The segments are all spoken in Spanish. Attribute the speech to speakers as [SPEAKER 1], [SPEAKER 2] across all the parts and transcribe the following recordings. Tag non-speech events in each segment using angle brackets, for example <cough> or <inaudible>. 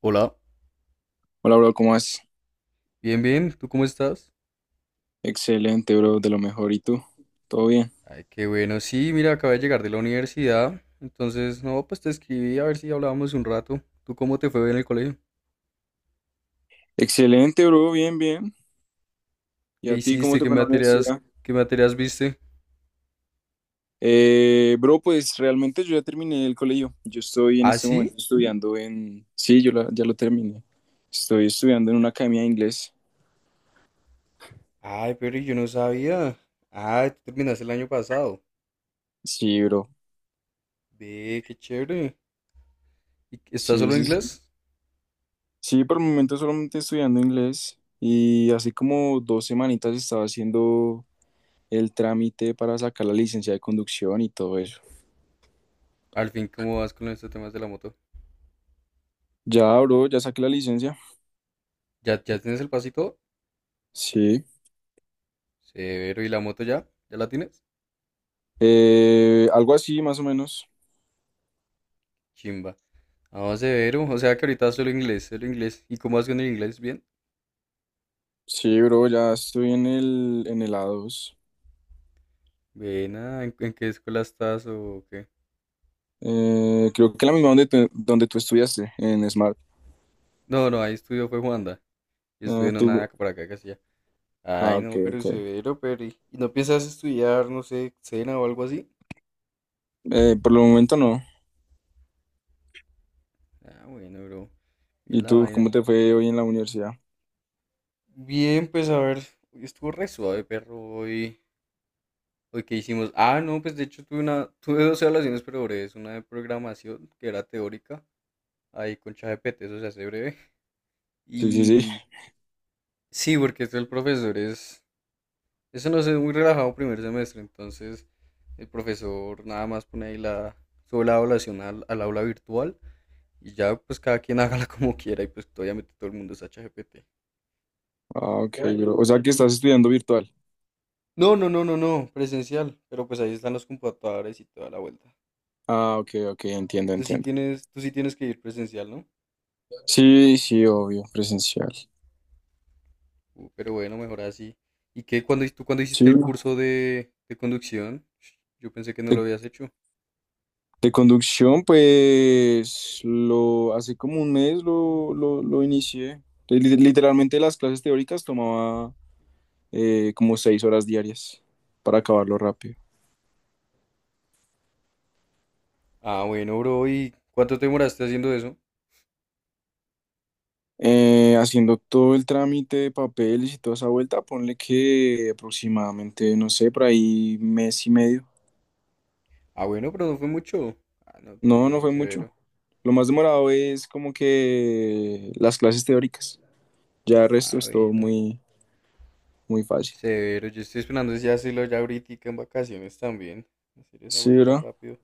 [SPEAKER 1] Hola,
[SPEAKER 2] Hola, bro, ¿cómo vas?
[SPEAKER 1] bien, bien, ¿tú cómo estás?
[SPEAKER 2] Excelente, bro, de lo mejor. ¿Y tú? ¿Todo bien?
[SPEAKER 1] Ay, qué bueno, sí, mira, acabé de llegar de la universidad, entonces, no, pues te escribí a ver si hablábamos un rato. ¿Tú cómo te fue en el colegio?
[SPEAKER 2] Excelente, bro, bien, bien. ¿Y
[SPEAKER 1] ¿Qué
[SPEAKER 2] a ti cómo
[SPEAKER 1] hiciste?
[SPEAKER 2] te
[SPEAKER 1] ¿Qué
[SPEAKER 2] fue en la
[SPEAKER 1] materias,
[SPEAKER 2] universidad?
[SPEAKER 1] qué materias viste?
[SPEAKER 2] Bro, pues realmente yo ya terminé el colegio. Yo estoy en
[SPEAKER 1] ¿Ah,
[SPEAKER 2] este momento
[SPEAKER 1] sí?
[SPEAKER 2] estudiando en... Sí, ya lo terminé. Estoy estudiando en una academia de inglés.
[SPEAKER 1] Ay, pero yo no sabía. Ah, tú terminaste el año pasado.
[SPEAKER 2] Sí, bro.
[SPEAKER 1] Ve, qué chévere. ¿ Estás
[SPEAKER 2] Sí,
[SPEAKER 1] solo en
[SPEAKER 2] sí, sí.
[SPEAKER 1] inglés?
[SPEAKER 2] Sí, por el momento solamente estudiando inglés. Y hace como 2 semanitas estaba haciendo el trámite para sacar la licencia de conducción y todo eso.
[SPEAKER 1] Al fin, ¿cómo vas con estos temas de la moto?
[SPEAKER 2] Ya, bro, ya saqué la licencia.
[SPEAKER 1] ¿Ya tienes el pasito?
[SPEAKER 2] Sí.
[SPEAKER 1] Severo, ¿y la moto ya? ¿Ya la tienes?
[SPEAKER 2] Algo así, más o menos.
[SPEAKER 1] Chimba. Ah, severo. O sea que ahorita solo inglés, solo inglés. ¿Y cómo vas con el inglés? ¿Bien?
[SPEAKER 2] Sí, bro, ya estoy en el A2.
[SPEAKER 1] Buena, ¿en qué escuela estás o qué?
[SPEAKER 2] Creo que la misma donde tú estudiaste, en Smart.
[SPEAKER 1] No, no, ahí estudió fue Juanda. Yo estudié
[SPEAKER 2] Eh,
[SPEAKER 1] en una
[SPEAKER 2] tú,
[SPEAKER 1] por acá que hacía.
[SPEAKER 2] ah,
[SPEAKER 1] Ay,
[SPEAKER 2] ok,
[SPEAKER 1] no, pero
[SPEAKER 2] ok.
[SPEAKER 1] severo, pero ¿y no piensas estudiar, no sé, cena o algo así?
[SPEAKER 2] Por el momento no.
[SPEAKER 1] Ah, bueno, bro.
[SPEAKER 2] ¿Y
[SPEAKER 1] Bien la
[SPEAKER 2] tú,
[SPEAKER 1] vaina.
[SPEAKER 2] cómo te fue hoy en la universidad?
[SPEAKER 1] Bien, pues a ver, hoy estuvo re suave, perro, hoy. Hoy qué hicimos. Ah, no, pues de hecho tuve dos evaluaciones, pero breves, una de programación que era teórica, ahí con ChatGPT, eso se hace breve.
[SPEAKER 2] Sí, sí, sí.
[SPEAKER 1] Y sí, porque tú el profesor es, eso no es muy relajado primer semestre, entonces el profesor nada más sube la evaluación al aula virtual y ya pues cada quien <laughs> hágala como quiera y pues obviamente todo el mundo es ChatGPT.
[SPEAKER 2] Ah, ok, bro. O sea que
[SPEAKER 1] Y-
[SPEAKER 2] estás estudiando virtual.
[SPEAKER 1] no, no, no, no, no, presencial, pero pues ahí están los computadores y toda la vuelta.
[SPEAKER 2] Ah, ok, ok, entiendo,
[SPEAKER 1] Tú sí
[SPEAKER 2] entiendo.
[SPEAKER 1] tienes, tú sí tienes que ir presencial, ¿no?
[SPEAKER 2] Sí, sí, obvio, presencial.
[SPEAKER 1] Pero bueno, mejor así. ¿Y qué cuando tú cuando
[SPEAKER 2] Sí,
[SPEAKER 1] hiciste el
[SPEAKER 2] bro.
[SPEAKER 1] curso de conducción? Yo pensé que no lo
[SPEAKER 2] Te
[SPEAKER 1] habías hecho.
[SPEAKER 2] De conducción, pues lo hace como un mes lo inicié. Literalmente las clases teóricas tomaba como 6 horas diarias para acabarlo rápido.
[SPEAKER 1] Ah, bueno, bro, ¿y cuánto te demoraste haciendo eso?
[SPEAKER 2] Haciendo todo el trámite de papeles y toda esa vuelta, ponle que aproximadamente, no sé, por ahí mes y medio.
[SPEAKER 1] Ah, bueno, pero no fue mucho. Ah, no, qué
[SPEAKER 2] No, no
[SPEAKER 1] bien,
[SPEAKER 2] fue mucho.
[SPEAKER 1] severo.
[SPEAKER 2] Lo más demorado es como que las clases teóricas. Ya el resto
[SPEAKER 1] Ah,
[SPEAKER 2] es todo
[SPEAKER 1] bueno,
[SPEAKER 2] muy, muy fácil.
[SPEAKER 1] severo. Yo estoy esperando ese hacerlo ya ahorita en vacaciones también. Hacer esa
[SPEAKER 2] Sí,
[SPEAKER 1] vuelta
[SPEAKER 2] ¿verdad?
[SPEAKER 1] rápido.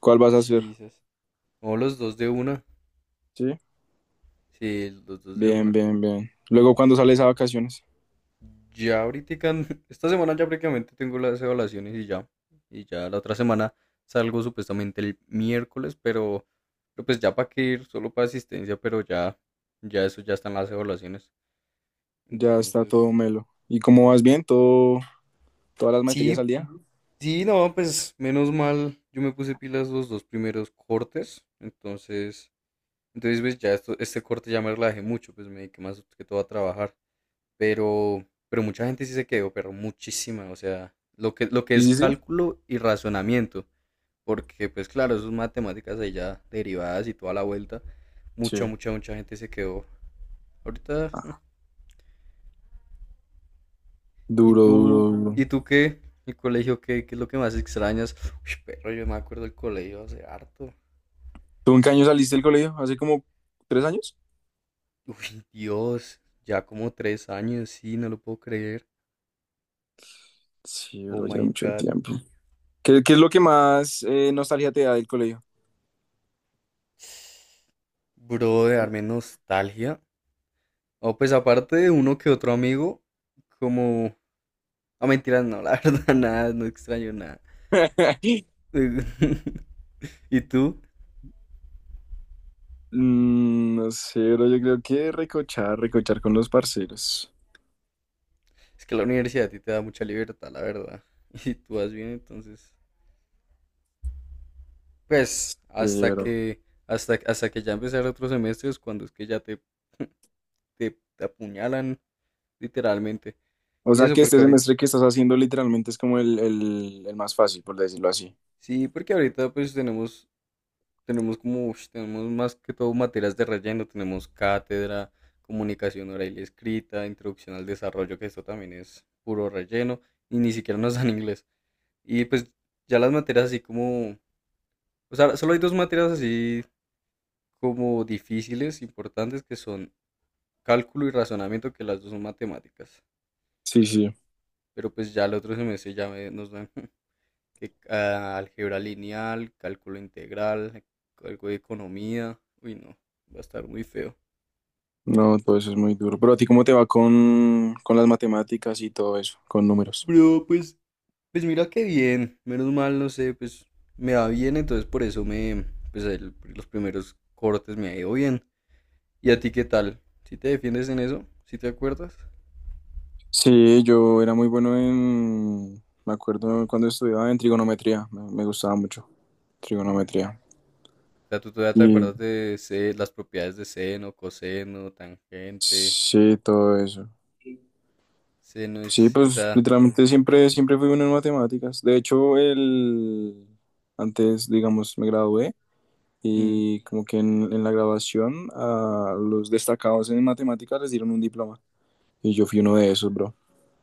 [SPEAKER 2] ¿Cuál vas a hacer?
[SPEAKER 1] Sí, esas. No, los dos de una.
[SPEAKER 2] Sí.
[SPEAKER 1] Sí, los dos de
[SPEAKER 2] Bien,
[SPEAKER 1] una.
[SPEAKER 2] bien, bien. Luego, ¿cuándo sales a vacaciones?
[SPEAKER 1] Ya ahorita, <laughs> esta semana ya prácticamente tengo las evaluaciones y ya. Y ya la otra semana salgo supuestamente el miércoles, pero pues ya para que ir, solo para asistencia, pero ya, ya eso ya están las evaluaciones.
[SPEAKER 2] Ya está
[SPEAKER 1] Entonces,
[SPEAKER 2] todo melo. ¿Y cómo vas bien? ¿Todas las materias
[SPEAKER 1] sí,
[SPEAKER 2] al día?
[SPEAKER 1] sí, no, pues menos mal, yo me puse pilas los dos primeros cortes, entonces, entonces pues ya esto, este corte ya me relajé mucho, pues me dediqué más que todo a trabajar, pero mucha gente sí se quedó, pero muchísima, o sea, lo que
[SPEAKER 2] Sí,
[SPEAKER 1] es
[SPEAKER 2] sí, sí.
[SPEAKER 1] cálculo y razonamiento, porque pues claro, esas matemáticas ahí ya derivadas y toda la vuelta,
[SPEAKER 2] Sí.
[SPEAKER 1] mucha, mucha, mucha gente se quedó. Ahorita, mm, ¿y
[SPEAKER 2] Duro,
[SPEAKER 1] tú,
[SPEAKER 2] duro, duro.
[SPEAKER 1] y tú qué? ¿El colegio qué es lo que más extrañas? Uy, perro, yo me acuerdo del colegio hace harto.
[SPEAKER 2] ¿Tú en qué año saliste del colegio? ¿Hace como 3 años?
[SPEAKER 1] Uy, Dios, ya como 3 años, sí, no lo puedo creer.
[SPEAKER 2] Sí,
[SPEAKER 1] Oh
[SPEAKER 2] bro, ya
[SPEAKER 1] my
[SPEAKER 2] mucho
[SPEAKER 1] God,
[SPEAKER 2] tiempo. ¿Qué, qué es lo que más nostalgia te da del colegio?
[SPEAKER 1] bro, de darme nostalgia. O pues aparte de uno que otro amigo, como... Ah, mentiras, no, la <laughs> verdad, nada, no extraño nada.
[SPEAKER 2] <laughs>
[SPEAKER 1] <laughs> ¿Y tú?
[SPEAKER 2] Mm, no sé, bro, yo creo que recochar, recochar con los parceros.
[SPEAKER 1] Es que la universidad a ti te da mucha libertad, la verdad. <laughs> Y si tú vas bien, entonces... Pues
[SPEAKER 2] Sí,
[SPEAKER 1] hasta
[SPEAKER 2] bro.
[SPEAKER 1] que, hasta, hasta que ya empezar otros semestres, cuando es que ya <laughs> te apuñalan, literalmente.
[SPEAKER 2] O
[SPEAKER 1] Y
[SPEAKER 2] sea
[SPEAKER 1] eso
[SPEAKER 2] que
[SPEAKER 1] porque
[SPEAKER 2] este
[SPEAKER 1] ahorita...
[SPEAKER 2] semestre que estás haciendo literalmente es como el más fácil, por decirlo así.
[SPEAKER 1] Sí, porque ahorita pues tenemos como, ush, tenemos más que todo materias de relleno, tenemos cátedra, comunicación oral y escrita, introducción al desarrollo, que esto también es puro relleno, y ni siquiera nos <laughs> dan inglés. Y pues ya las materias así como, o sea, solo hay dos materias así como difíciles, importantes, que son cálculo y razonamiento, que las dos son matemáticas.
[SPEAKER 2] Sí, sí.
[SPEAKER 1] Pero pues ya el otro semestre ya me- nos dan. <laughs> Que ah, álgebra lineal, cálculo integral, algo de economía. Uy, no, va a estar muy feo.
[SPEAKER 2] No, todo eso es muy duro. Pero a ti, ¿cómo te va con las matemáticas y todo eso, con números?
[SPEAKER 1] Bro, pues mira qué bien. Menos mal, no sé, pues me va bien, entonces pues los primeros cortes me ha ido bien. ¿Y a ti qué tal? ¿Si te defiendes en eso? ¿Si te acuerdas?
[SPEAKER 2] Sí, yo era muy bueno en, me acuerdo cuando estudiaba en trigonometría, me gustaba mucho trigonometría.
[SPEAKER 1] O sea, tú todavía te
[SPEAKER 2] Y
[SPEAKER 1] acuerdas de las propiedades de seno, coseno, tangente.
[SPEAKER 2] sí, todo eso.
[SPEAKER 1] Seno
[SPEAKER 2] Sí,
[SPEAKER 1] es, o
[SPEAKER 2] pues
[SPEAKER 1] sea,
[SPEAKER 2] literalmente siempre, siempre fui bueno en matemáticas. De hecho, antes, digamos, me gradué
[SPEAKER 1] mm,
[SPEAKER 2] y como que en la graduación a los destacados en matemáticas les dieron un diploma. Y yo fui uno de esos, bro.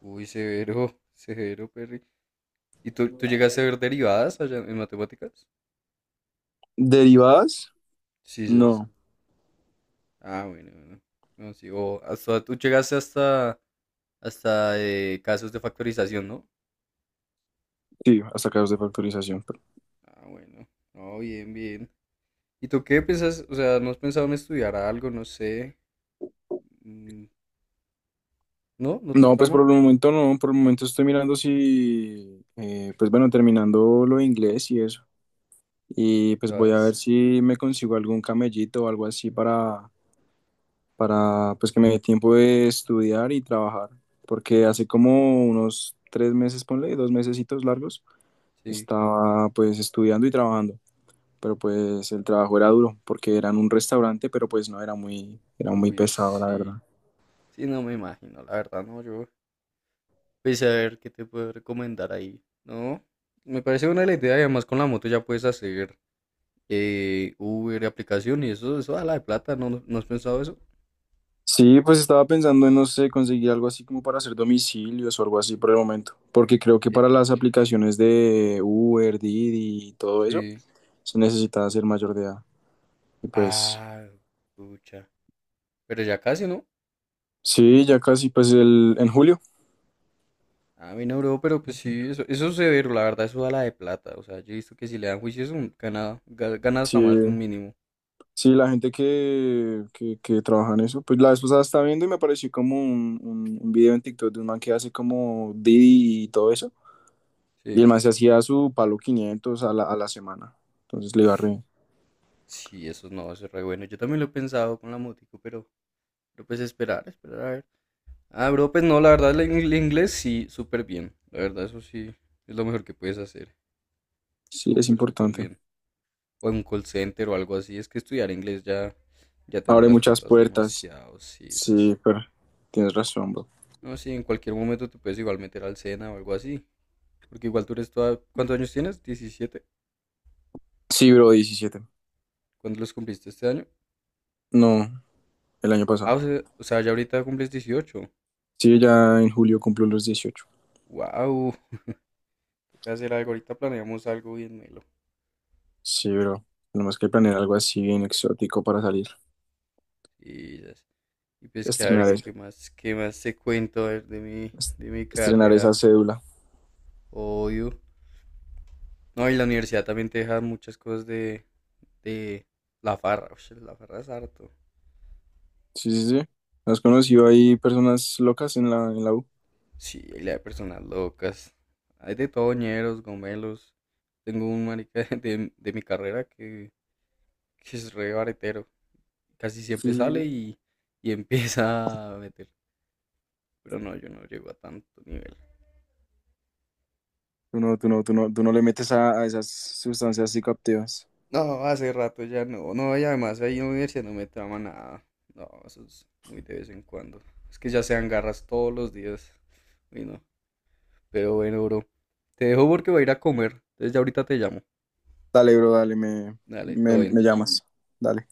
[SPEAKER 1] uy, severo, severo, pero ¿y tú llegaste a ver derivadas allá en matemáticas?
[SPEAKER 2] Derivadas,
[SPEAKER 1] Sí, sí. Es-
[SPEAKER 2] no,
[SPEAKER 1] ah, bueno, bueno. No, sí, o hasta tú llegaste hasta casos de factorización, ¿no?
[SPEAKER 2] sí, hasta casos de factorización. Pero-
[SPEAKER 1] Ah, bueno. No, bien, bien. ¿Y tú qué piensas? O sea, ¿no has pensado en estudiar algo? No sé. Mm, ¿no? ¿No te
[SPEAKER 2] no, pues por
[SPEAKER 1] trama?
[SPEAKER 2] el momento no, por el momento estoy mirando si, pues bueno, terminando lo de inglés y eso. Y
[SPEAKER 1] Te
[SPEAKER 2] pues voy a ver
[SPEAKER 1] vas.
[SPEAKER 2] si me consigo algún camellito o algo así para pues que me dé tiempo de estudiar y trabajar. Porque hace como unos 3 meses, ponle, 2 mesecitos largos,
[SPEAKER 1] Sí.
[SPEAKER 2] estaba pues estudiando y trabajando. Pero pues el trabajo era duro, porque era en un restaurante, pero pues no era era muy
[SPEAKER 1] Uy,
[SPEAKER 2] pesado, la verdad.
[SPEAKER 1] sí. Sí, no me imagino, la verdad, no, yo. Pues a ver qué te puedo recomendar ahí. No, me parece buena la idea y además con la moto ya puedes hacer Uber, aplicación y eso da la de plata, ¿no, no has pensado eso?
[SPEAKER 2] Sí, pues estaba pensando en, no sé, conseguir algo así como para hacer domicilios o algo así por el momento, porque creo que
[SPEAKER 1] Eh,
[SPEAKER 2] para las aplicaciones de Uber, Didi y todo eso,
[SPEAKER 1] sí.
[SPEAKER 2] se necesita ser mayor de edad. Y pues,
[SPEAKER 1] Ah, pucha. Pero ya casi, ¿no?
[SPEAKER 2] sí, ya casi, pues el, en julio.
[SPEAKER 1] A mí no, bro, pero pues sí, eso es severo, la verdad, eso da la de plata. O sea, yo he visto que si le dan juicio, eso gana
[SPEAKER 2] Sí,
[SPEAKER 1] hasta más de un mínimo.
[SPEAKER 2] sí, la gente que trabaja en eso, pues la vez pasada estaba viendo y me apareció como un video en TikTok de un man que hace como Didi y todo eso, y el
[SPEAKER 1] Sí.
[SPEAKER 2] man se hacía su palo 500 a la semana, entonces le iba re.
[SPEAKER 1] Sí, eso no, eso es re bueno. Yo también lo he pensado con la motico, pero pues esperar a ver. Ah, bro, pues no, la verdad, el inglés sí, súper bien. La verdad, eso sí, es lo mejor que puedes hacer.
[SPEAKER 2] Sí, es
[SPEAKER 1] Súper, súper
[SPEAKER 2] importante.
[SPEAKER 1] bien. O en un call center o algo así. Es que estudiar inglés ya te abre
[SPEAKER 2] Abre
[SPEAKER 1] las
[SPEAKER 2] muchas
[SPEAKER 1] puertas
[SPEAKER 2] puertas.
[SPEAKER 1] demasiado, sí.
[SPEAKER 2] Sí,
[SPEAKER 1] Esas.
[SPEAKER 2] pero tienes razón, bro.
[SPEAKER 1] No, sí, en cualquier momento te puedes igual meter al SENA o algo así. Porque igual tú eres toda... ¿Cuántos años tienes? 17.
[SPEAKER 2] Sí, bro, 17.
[SPEAKER 1] ¿Cuándo los cumpliste este año?
[SPEAKER 2] No, el año
[SPEAKER 1] Ah,
[SPEAKER 2] pasado.
[SPEAKER 1] o sea, ya ahorita cumples 18.
[SPEAKER 2] Sí, ya en julio cumplo los 18.
[SPEAKER 1] ¡Wow! Toca hacer algo. Ahorita planeamos algo bien melo.
[SPEAKER 2] Sí, bro. Tenemos que planear algo así bien exótico para salir.
[SPEAKER 1] Y, esas. Y pues que a ver,
[SPEAKER 2] Estrenar,
[SPEAKER 1] yo
[SPEAKER 2] es-
[SPEAKER 1] qué más te cuento a ver, de mi,
[SPEAKER 2] est-
[SPEAKER 1] de mi
[SPEAKER 2] estrenar
[SPEAKER 1] carrera.
[SPEAKER 2] esa cédula.
[SPEAKER 1] Obvio. No, y la universidad también te deja muchas cosas de la farra. Ush, la farra es harto.
[SPEAKER 2] Sí, sí, sí. ¿Has conocido ahí personas locas en la U?
[SPEAKER 1] Sí, la de personas locas. Hay de toñeros, gomelos. Tengo un marica <laughs> de mi carrera que es re baretero. Casi
[SPEAKER 2] Sí,
[SPEAKER 1] siempre
[SPEAKER 2] sí, sí.
[SPEAKER 1] sale y empieza a meter. Pero no, yo no llego a tanto nivel.
[SPEAKER 2] Tú no le metes a esas sustancias psicoactivas.
[SPEAKER 1] No, hace rato ya no. No, y además ahí en la universidad no me trama nada. No, eso es muy de vez en cuando. Es que ya sean garras todos los días. Uy, no. Pero bueno, bro. Te dejo porque voy a ir a comer. Entonces ya ahorita te llamo.
[SPEAKER 2] Dale, bro, dale, me,
[SPEAKER 1] Dale, todo
[SPEAKER 2] me,
[SPEAKER 1] bien.
[SPEAKER 2] me llamas. Dale.